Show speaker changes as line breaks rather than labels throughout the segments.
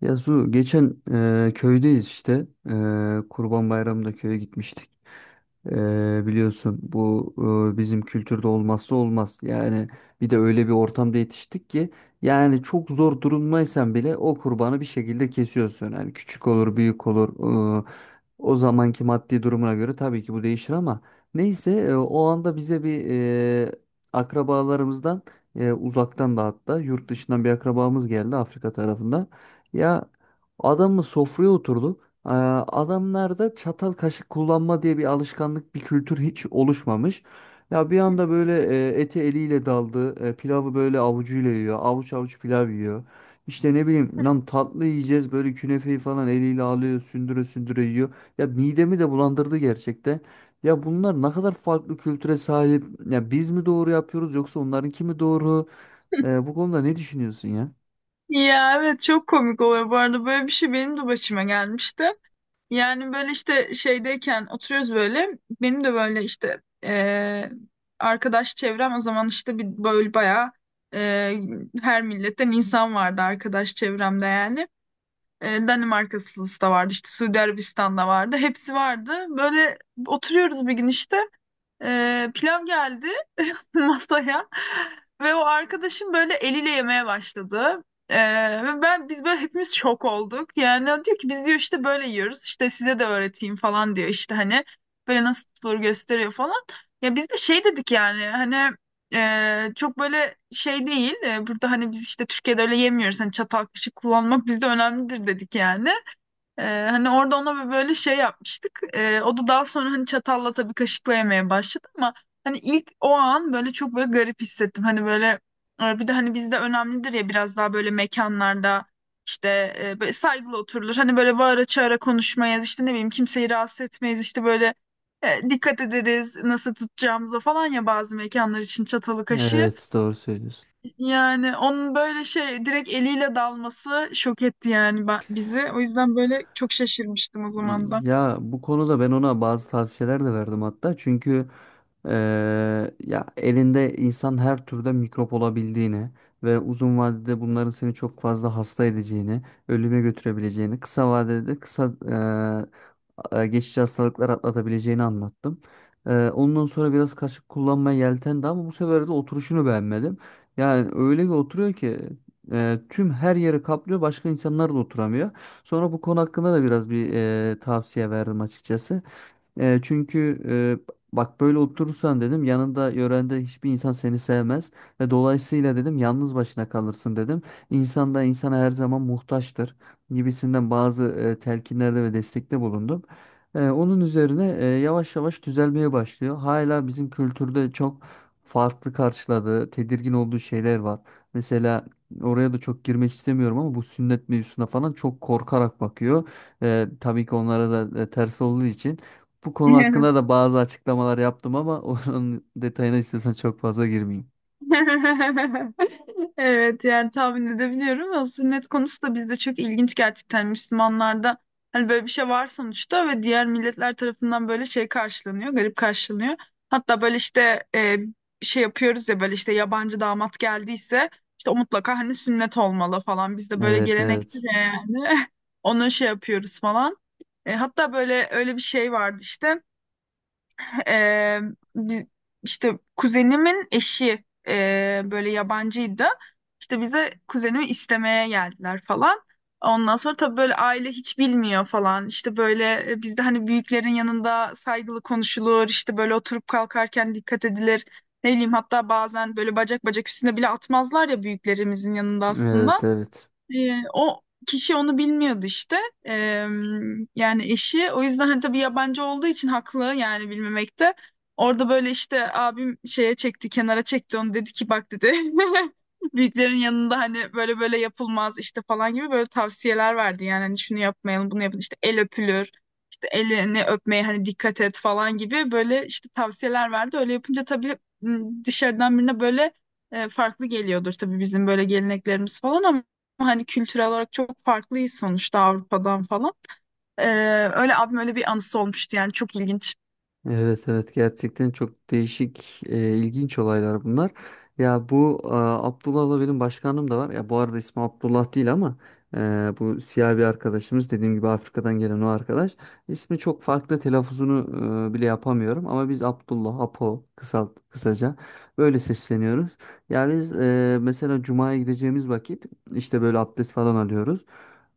Ya Su, geçen köydeyiz işte. Kurban Bayramı'nda köye gitmiştik. Biliyorsun bu bizim kültürde olmazsa olmaz. Yani bir de öyle bir ortamda yetiştik ki yani çok zor durumdaysan bile o kurbanı bir şekilde kesiyorsun. Yani küçük olur, büyük olur. e, O zamanki maddi durumuna göre tabii ki bu değişir ama neyse o anda bize bir e, akrabalarımızdan uzaktan da hatta yurt dışından bir akrabamız geldi Afrika tarafından. Ya adamı sofraya oturdu. Ee, Adamlarda çatal kaşık kullanma diye bir alışkanlık, bir kültür hiç oluşmamış. Ya bir anda böyle ete eliyle daldı. Pilavı böyle avucuyla yiyor. Avuç avuç pilav yiyor. İşte ne bileyim lan tatlı yiyeceğiz böyle künefeyi falan eliyle alıyor sündüre sündüre yiyor. Ya midemi de bulandırdı gerçekten. Ya bunlar ne kadar farklı kültüre sahip. Ya biz mi doğru yapıyoruz yoksa onlarınki mi doğru? Bu konuda ne düşünüyorsun ya?
Ya evet çok komik oluyor bu arada, böyle bir şey benim de başıma gelmişti. Yani böyle işte şeydeyken oturuyoruz, böyle benim de böyle işte arkadaş çevrem o zaman işte bir böyle bayağı eee, her milletten insan vardı arkadaş çevremde yani. Danimarkalısı da vardı, işte Suudi Arabistan'da vardı, hepsi vardı. Böyle oturuyoruz bir gün işte, pilav geldi masaya ve o arkadaşım böyle eliyle yemeye başladı. Ee, ve ben biz böyle hepimiz şok olduk. Yani o diyor ki, biz diyor işte böyle yiyoruz. İşte size de öğreteyim falan diyor. İşte hani böyle nasıl tutulur gösteriyor falan. Ya biz de şey dedik, yani hani çok böyle şey değil. E, burada hani biz işte Türkiye'de öyle yemiyoruz. Hani çatal kaşık kullanmak bizde önemlidir dedik yani. Hani orada ona bir böyle şey yapmıştık. O da daha sonra hani çatalla, tabii kaşıkla yemeye başladı ama hani ilk o an böyle çok böyle garip hissettim. Hani böyle bir de hani bizde önemlidir ya, biraz daha böyle mekanlarda işte böyle saygılı oturulur. Hani böyle bağıra çağıra konuşmayız, işte ne bileyim kimseyi rahatsız etmeyiz, işte böyle dikkat ederiz nasıl tutacağımıza falan, ya bazı mekanlar için çatalı kaşığı.
Evet, doğru söylüyorsun.
Yani onun böyle şey, direkt eliyle dalması şok etti yani ben, bizi. O yüzden böyle çok şaşırmıştım o zaman da.
Ya bu konuda ben ona bazı tavsiyeler de verdim hatta. Çünkü eee, ya elinde insan her türde mikrop olabildiğini ve uzun vadede bunların seni çok fazla hasta edeceğini, ölüme götürebileceğini, kısa vadede geçici hastalıklar atlatabileceğini anlattım. Ondan sonra biraz kaşık kullanmaya yeltendi ama bu sefer de oturuşunu beğenmedim. Yani öyle bir oturuyor ki tüm her yeri kaplıyor, başka insanlar da oturamıyor. Sonra bu konu hakkında da biraz bir tavsiye verdim açıkçası. Çünkü bak böyle oturursan dedim yanında yörende hiçbir insan seni sevmez ve dolayısıyla dedim yalnız başına kalırsın dedim. İnsan da insana her zaman muhtaçtır gibisinden bazı telkinlerde ve destekte bulundum. Onun üzerine yavaş yavaş düzelmeye başlıyor. Hala bizim kültürde çok farklı karşıladığı, tedirgin olduğu şeyler var. Mesela oraya da çok girmek istemiyorum ama bu sünnet mevzusuna falan çok korkarak bakıyor. Tabii ki onlara da ters olduğu için. Bu konu hakkında da bazı açıklamalar yaptım ama onun detayına istiyorsan çok fazla girmeyeyim.
Evet yani tahmin edebiliyorum. O sünnet konusu da bizde çok ilginç gerçekten, Müslümanlarda. Hani böyle bir şey var sonuçta ve diğer milletler tarafından böyle şey karşılanıyor, garip karşılanıyor. Hatta böyle işte bir şey yapıyoruz ya, böyle işte yabancı damat geldiyse, işte o mutlaka hani sünnet olmalı falan. Bizde böyle
Evet,
gelenektir
evet.
ya yani. Onu şey yapıyoruz falan. E, hatta böyle öyle bir şey vardı işte. Ee, biz, işte kuzenimin eşi böyle yabancıydı. İşte bize kuzenimi istemeye geldiler falan. Ondan sonra tabii böyle aile hiç bilmiyor falan. İşte böyle bizde hani büyüklerin yanında saygılı konuşulur. İşte böyle oturup kalkarken dikkat edilir. Ne bileyim, hatta bazen böyle bacak bacak üstüne bile atmazlar ya büyüklerimizin yanında
Evet,
aslında.
evet.
O kişi onu bilmiyordu işte. Ee, Yani eşi. O yüzden hani tabii yabancı olduğu için haklı yani bilmemekte. Orada böyle işte abim şeye çekti, kenara çekti onu, dedi ki bak dedi. Büyüklerin yanında hani böyle böyle yapılmaz işte falan gibi böyle tavsiyeler verdi. Yani hani şunu yapmayalım, bunu yapın, işte el öpülür, işte elini öpmeye hani dikkat et falan gibi böyle işte tavsiyeler verdi. Öyle yapınca tabii, dışarıdan birine böyle farklı geliyordur tabii bizim böyle geleneklerimiz falan, ama hani kültürel olarak çok farklıyız sonuçta Avrupa'dan falan. Ee, Öyle abim öyle bir anısı olmuştu yani, çok ilginç.
Evet, evet, gerçekten çok değişik ilginç olaylar bunlar. Ya bu Abdullah'la benim başkanım da var. Ya bu arada ismi Abdullah değil ama e, bu siyah bir arkadaşımız dediğim gibi Afrika'dan gelen o arkadaş. İsmi çok farklı, telaffuzunu bile yapamıyorum ama biz Abdullah, Apo kısaca böyle sesleniyoruz. Ya biz mesela Cuma'ya gideceğimiz vakit işte böyle abdest falan alıyoruz.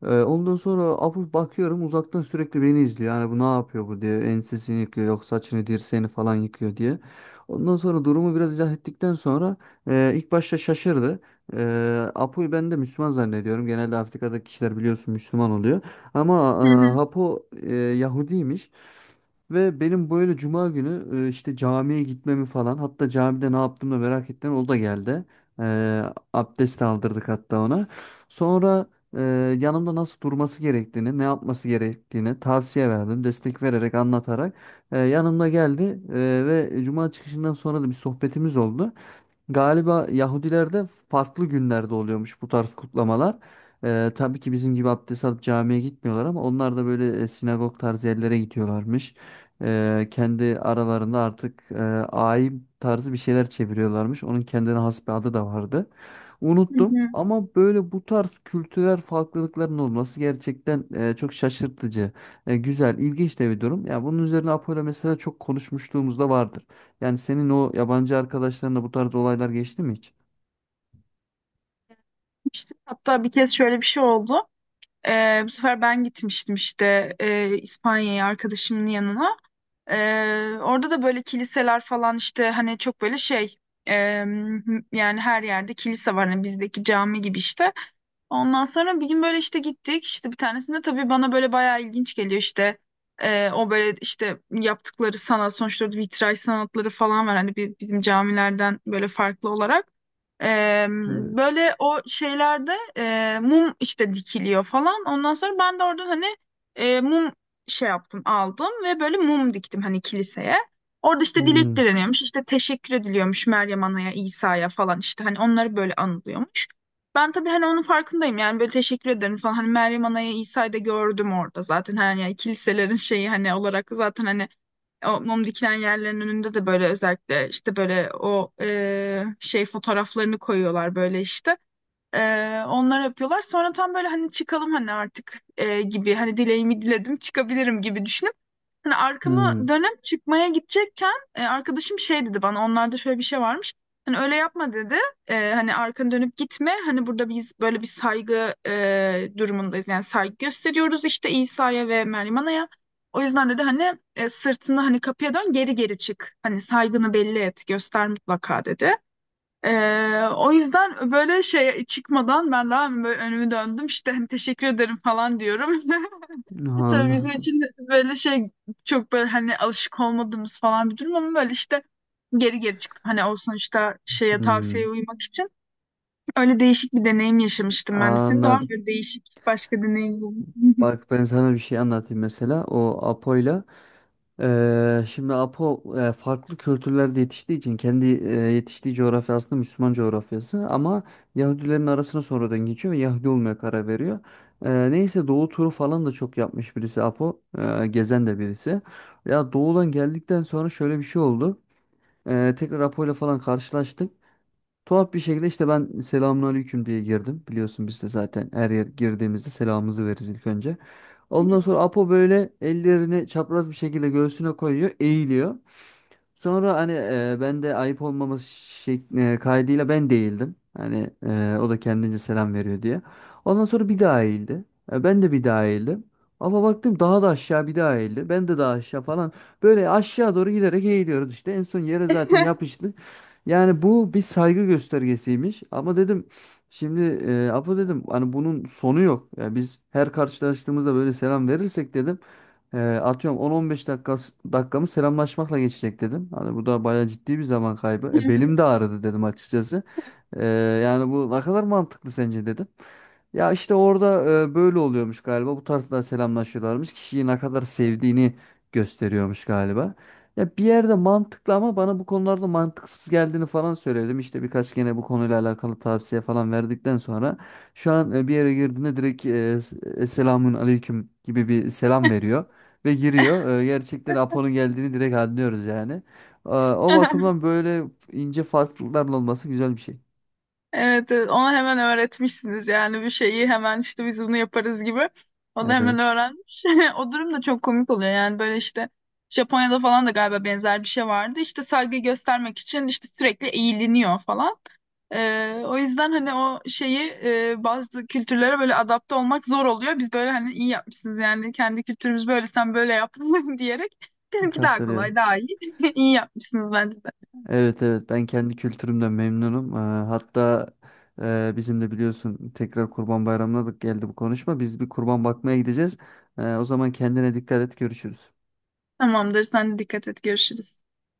Ondan sonra afıf bakıyorum uzaktan sürekli beni izliyor. Yani bu ne yapıyor bu diye. Ensesini yıkıyor yok saçını dirseğini falan yıkıyor diye. Ondan sonra durumu biraz izah ettikten sonra ilk başta şaşırdı. Apo'yu ben de Müslüman zannediyorum. Genelde Afrika'daki kişiler biliyorsun Müslüman oluyor. Ama
Hı hı,
Apo Yahudiymiş. Ve benim böyle cuma günü işte camiye gitmemi falan hatta camide ne yaptığımı da merak ettim. O da geldi. E, Abdest aldırdık hatta ona. Sonra e, yanımda nasıl durması gerektiğini, ne yapması gerektiğini tavsiye verdim. Destek vererek, anlatarak yanımda geldi ve cuma çıkışından sonra da bir sohbetimiz oldu. Galiba Yahudilerde farklı günlerde oluyormuş bu tarz kutlamalar. Tabii ki bizim gibi abdest alıp camiye gitmiyorlar ama onlar da böyle sinagog tarzı yerlere gidiyorlarmış. Kendi aralarında artık ayim tarzı bir şeyler çeviriyorlarmış. Onun kendine has bir adı da vardı.
hı
Unuttum
hı.
ama böyle bu tarz kültürel farklılıkların olması gerçekten çok şaşırtıcı. Güzel, ilginç de bir durum. Ya bunun üzerine Apollo mesela çok konuşmuşluğumuz da vardır. Yani senin o yabancı arkadaşlarınla bu tarz olaylar geçti mi hiç?
İşte hatta bir kez şöyle bir şey oldu. Bu sefer ben gitmiştim işte İspanya'ya arkadaşımın yanına. Orada da böyle kiliseler falan, işte hani çok böyle şey, e, yani her yerde kilise var. Hani bizdeki cami gibi işte. Ondan sonra bir gün böyle işte gittik, işte bir tanesinde tabii bana böyle bayağı ilginç geliyor işte. O böyle işte yaptıkları sanat sonuçta, vitray sanatları falan var hani, bizim camilerden böyle farklı olarak. Ee,
Böyle,
Böyle o şeylerde mum işte dikiliyor falan. Ondan sonra ben de oradan hani mum şey yaptım, aldım ve böyle mum diktim hani kiliseye. Orada işte dilek
hmm,
dileniyormuş, işte teşekkür ediliyormuş Meryem Ana'ya, İsa'ya falan, işte hani onları böyle anılıyormuş. Ben tabii hani onun farkındayım yani, böyle teşekkür ederim falan hani Meryem Ana'ya, İsa'yı da gördüm orada zaten hani, yani kiliselerin şeyi hani olarak zaten hani o mum dikilen yerlerin önünde de böyle özellikle işte böyle o şey fotoğraflarını koyuyorlar böyle işte. E, onlar yapıyorlar. Sonra tam böyle hani çıkalım hani artık gibi hani dileğimi diledim çıkabilirim gibi düşünüyorum. Hani
hmm,
arkamı dönüp çıkmaya gidecekken arkadaşım şey dedi bana, onlarda şöyle bir şey varmış. Hani öyle yapma dedi. E, hani arkanı dönüp gitme. Hani burada biz böyle bir saygı durumundayız. Yani saygı gösteriyoruz işte İsa'ya ve Meryem Ana'ya. O yüzden dedi hani sırtını hani kapıya dön, geri geri çık. Hani saygını belli et, göster mutlaka dedi. E, O yüzden böyle şey çıkmadan ben daha böyle önümü döndüm, işte hani teşekkür ederim falan diyorum. Tabii bizim
anladım.
için de böyle şey, çok böyle hani alışık olmadığımız falan bir durum, ama böyle işte geri geri çıktım. Hani o sonuçta şeye, tavsiyeye
Hmm,
uymak için. Öyle değişik bir deneyim yaşamıştım ben de. Senin de var mı
anladım.
böyle değişik başka deneyimlerin?
Bak ben sana bir şey anlatayım mesela. O Apo'yla şimdi Apo farklı kültürlerde yetiştiği için kendi yetiştiği coğrafya aslında Müslüman coğrafyası ama Yahudilerin arasına sonradan geçiyor ve Yahudi olmaya karar veriyor. Neyse Doğu turu falan da çok yapmış birisi Apo. Gezen de birisi. Ya Doğu'dan geldikten sonra şöyle bir şey oldu. Tekrar Apo'yla falan karşılaştık. Tuhaf bir şekilde işte ben selamünaleyküm diye girdim. Biliyorsun biz de zaten her yer girdiğimizde selamımızı veririz ilk önce. Ondan sonra Apo böyle ellerini çapraz bir şekilde göğsüne koyuyor, eğiliyor. Sonra hani ben de ayıp olmaması kaydıyla ben değildim. Hani o da kendince selam veriyor diye. Ondan sonra bir daha eğildi. Ben de bir daha eğildim. Ama baktım daha da aşağı bir daha eğildi. Ben de daha aşağı falan. Böyle aşağı doğru giderek eğiliyoruz işte. En son yere zaten yapıştık. Yani bu bir saygı göstergesiymiş ama dedim şimdi Apo dedim hani bunun sonu yok. Yani biz her karşılaştığımızda böyle selam verirsek dedim atıyorum 10-15 dakikamı selamlaşmakla geçecek dedim. Hani bu da bayağı ciddi bir zaman kaybı. Belim de ağrıdı dedim açıkçası. E, Yani bu ne kadar mantıklı sence dedim. Ya işte orada böyle oluyormuş galiba. Bu tarzda selamlaşıyorlarmış. Kişiyi ne kadar sevdiğini gösteriyormuş galiba. Ya bir yerde mantıklı ama bana bu konularda mantıksız geldiğini falan söyledim. İşte birkaç gene bu konuyla alakalı tavsiye falan verdikten sonra şu an bir yere girdiğinde direkt selamun aleyküm gibi bir selam veriyor ve giriyor. Gerçekten Apo'nun geldiğini direkt anlıyoruz yani. O bakımdan böyle ince farklılıkların olması güzel bir şey.
Evet, evet, ona hemen öğretmişsiniz yani, bir şeyi hemen işte, biz bunu yaparız gibi. O da hemen
Evet,
öğrenmiş. O durum da çok komik oluyor yani, böyle işte Japonya'da falan da galiba benzer bir şey vardı. İşte saygı göstermek için işte sürekli eğiliniyor falan. O yüzden hani o şeyi, bazı kültürlere böyle adapte olmak zor oluyor. Biz böyle hani iyi yapmışsınız yani, kendi kültürümüz böyle, sen böyle yap diyerek, bizimki daha
katılıyorum.
kolay, daha iyi. İyi yapmışsınız bence de.
Evet, evet, ben kendi kültürümden memnunum. Hatta bizim de biliyorsun tekrar Kurban Bayramı'na da geldi bu konuşma. Biz bir kurban bakmaya gideceğiz. O zaman kendine dikkat et, görüşürüz.
Tamamdır, sen de dikkat et, görüşürüz.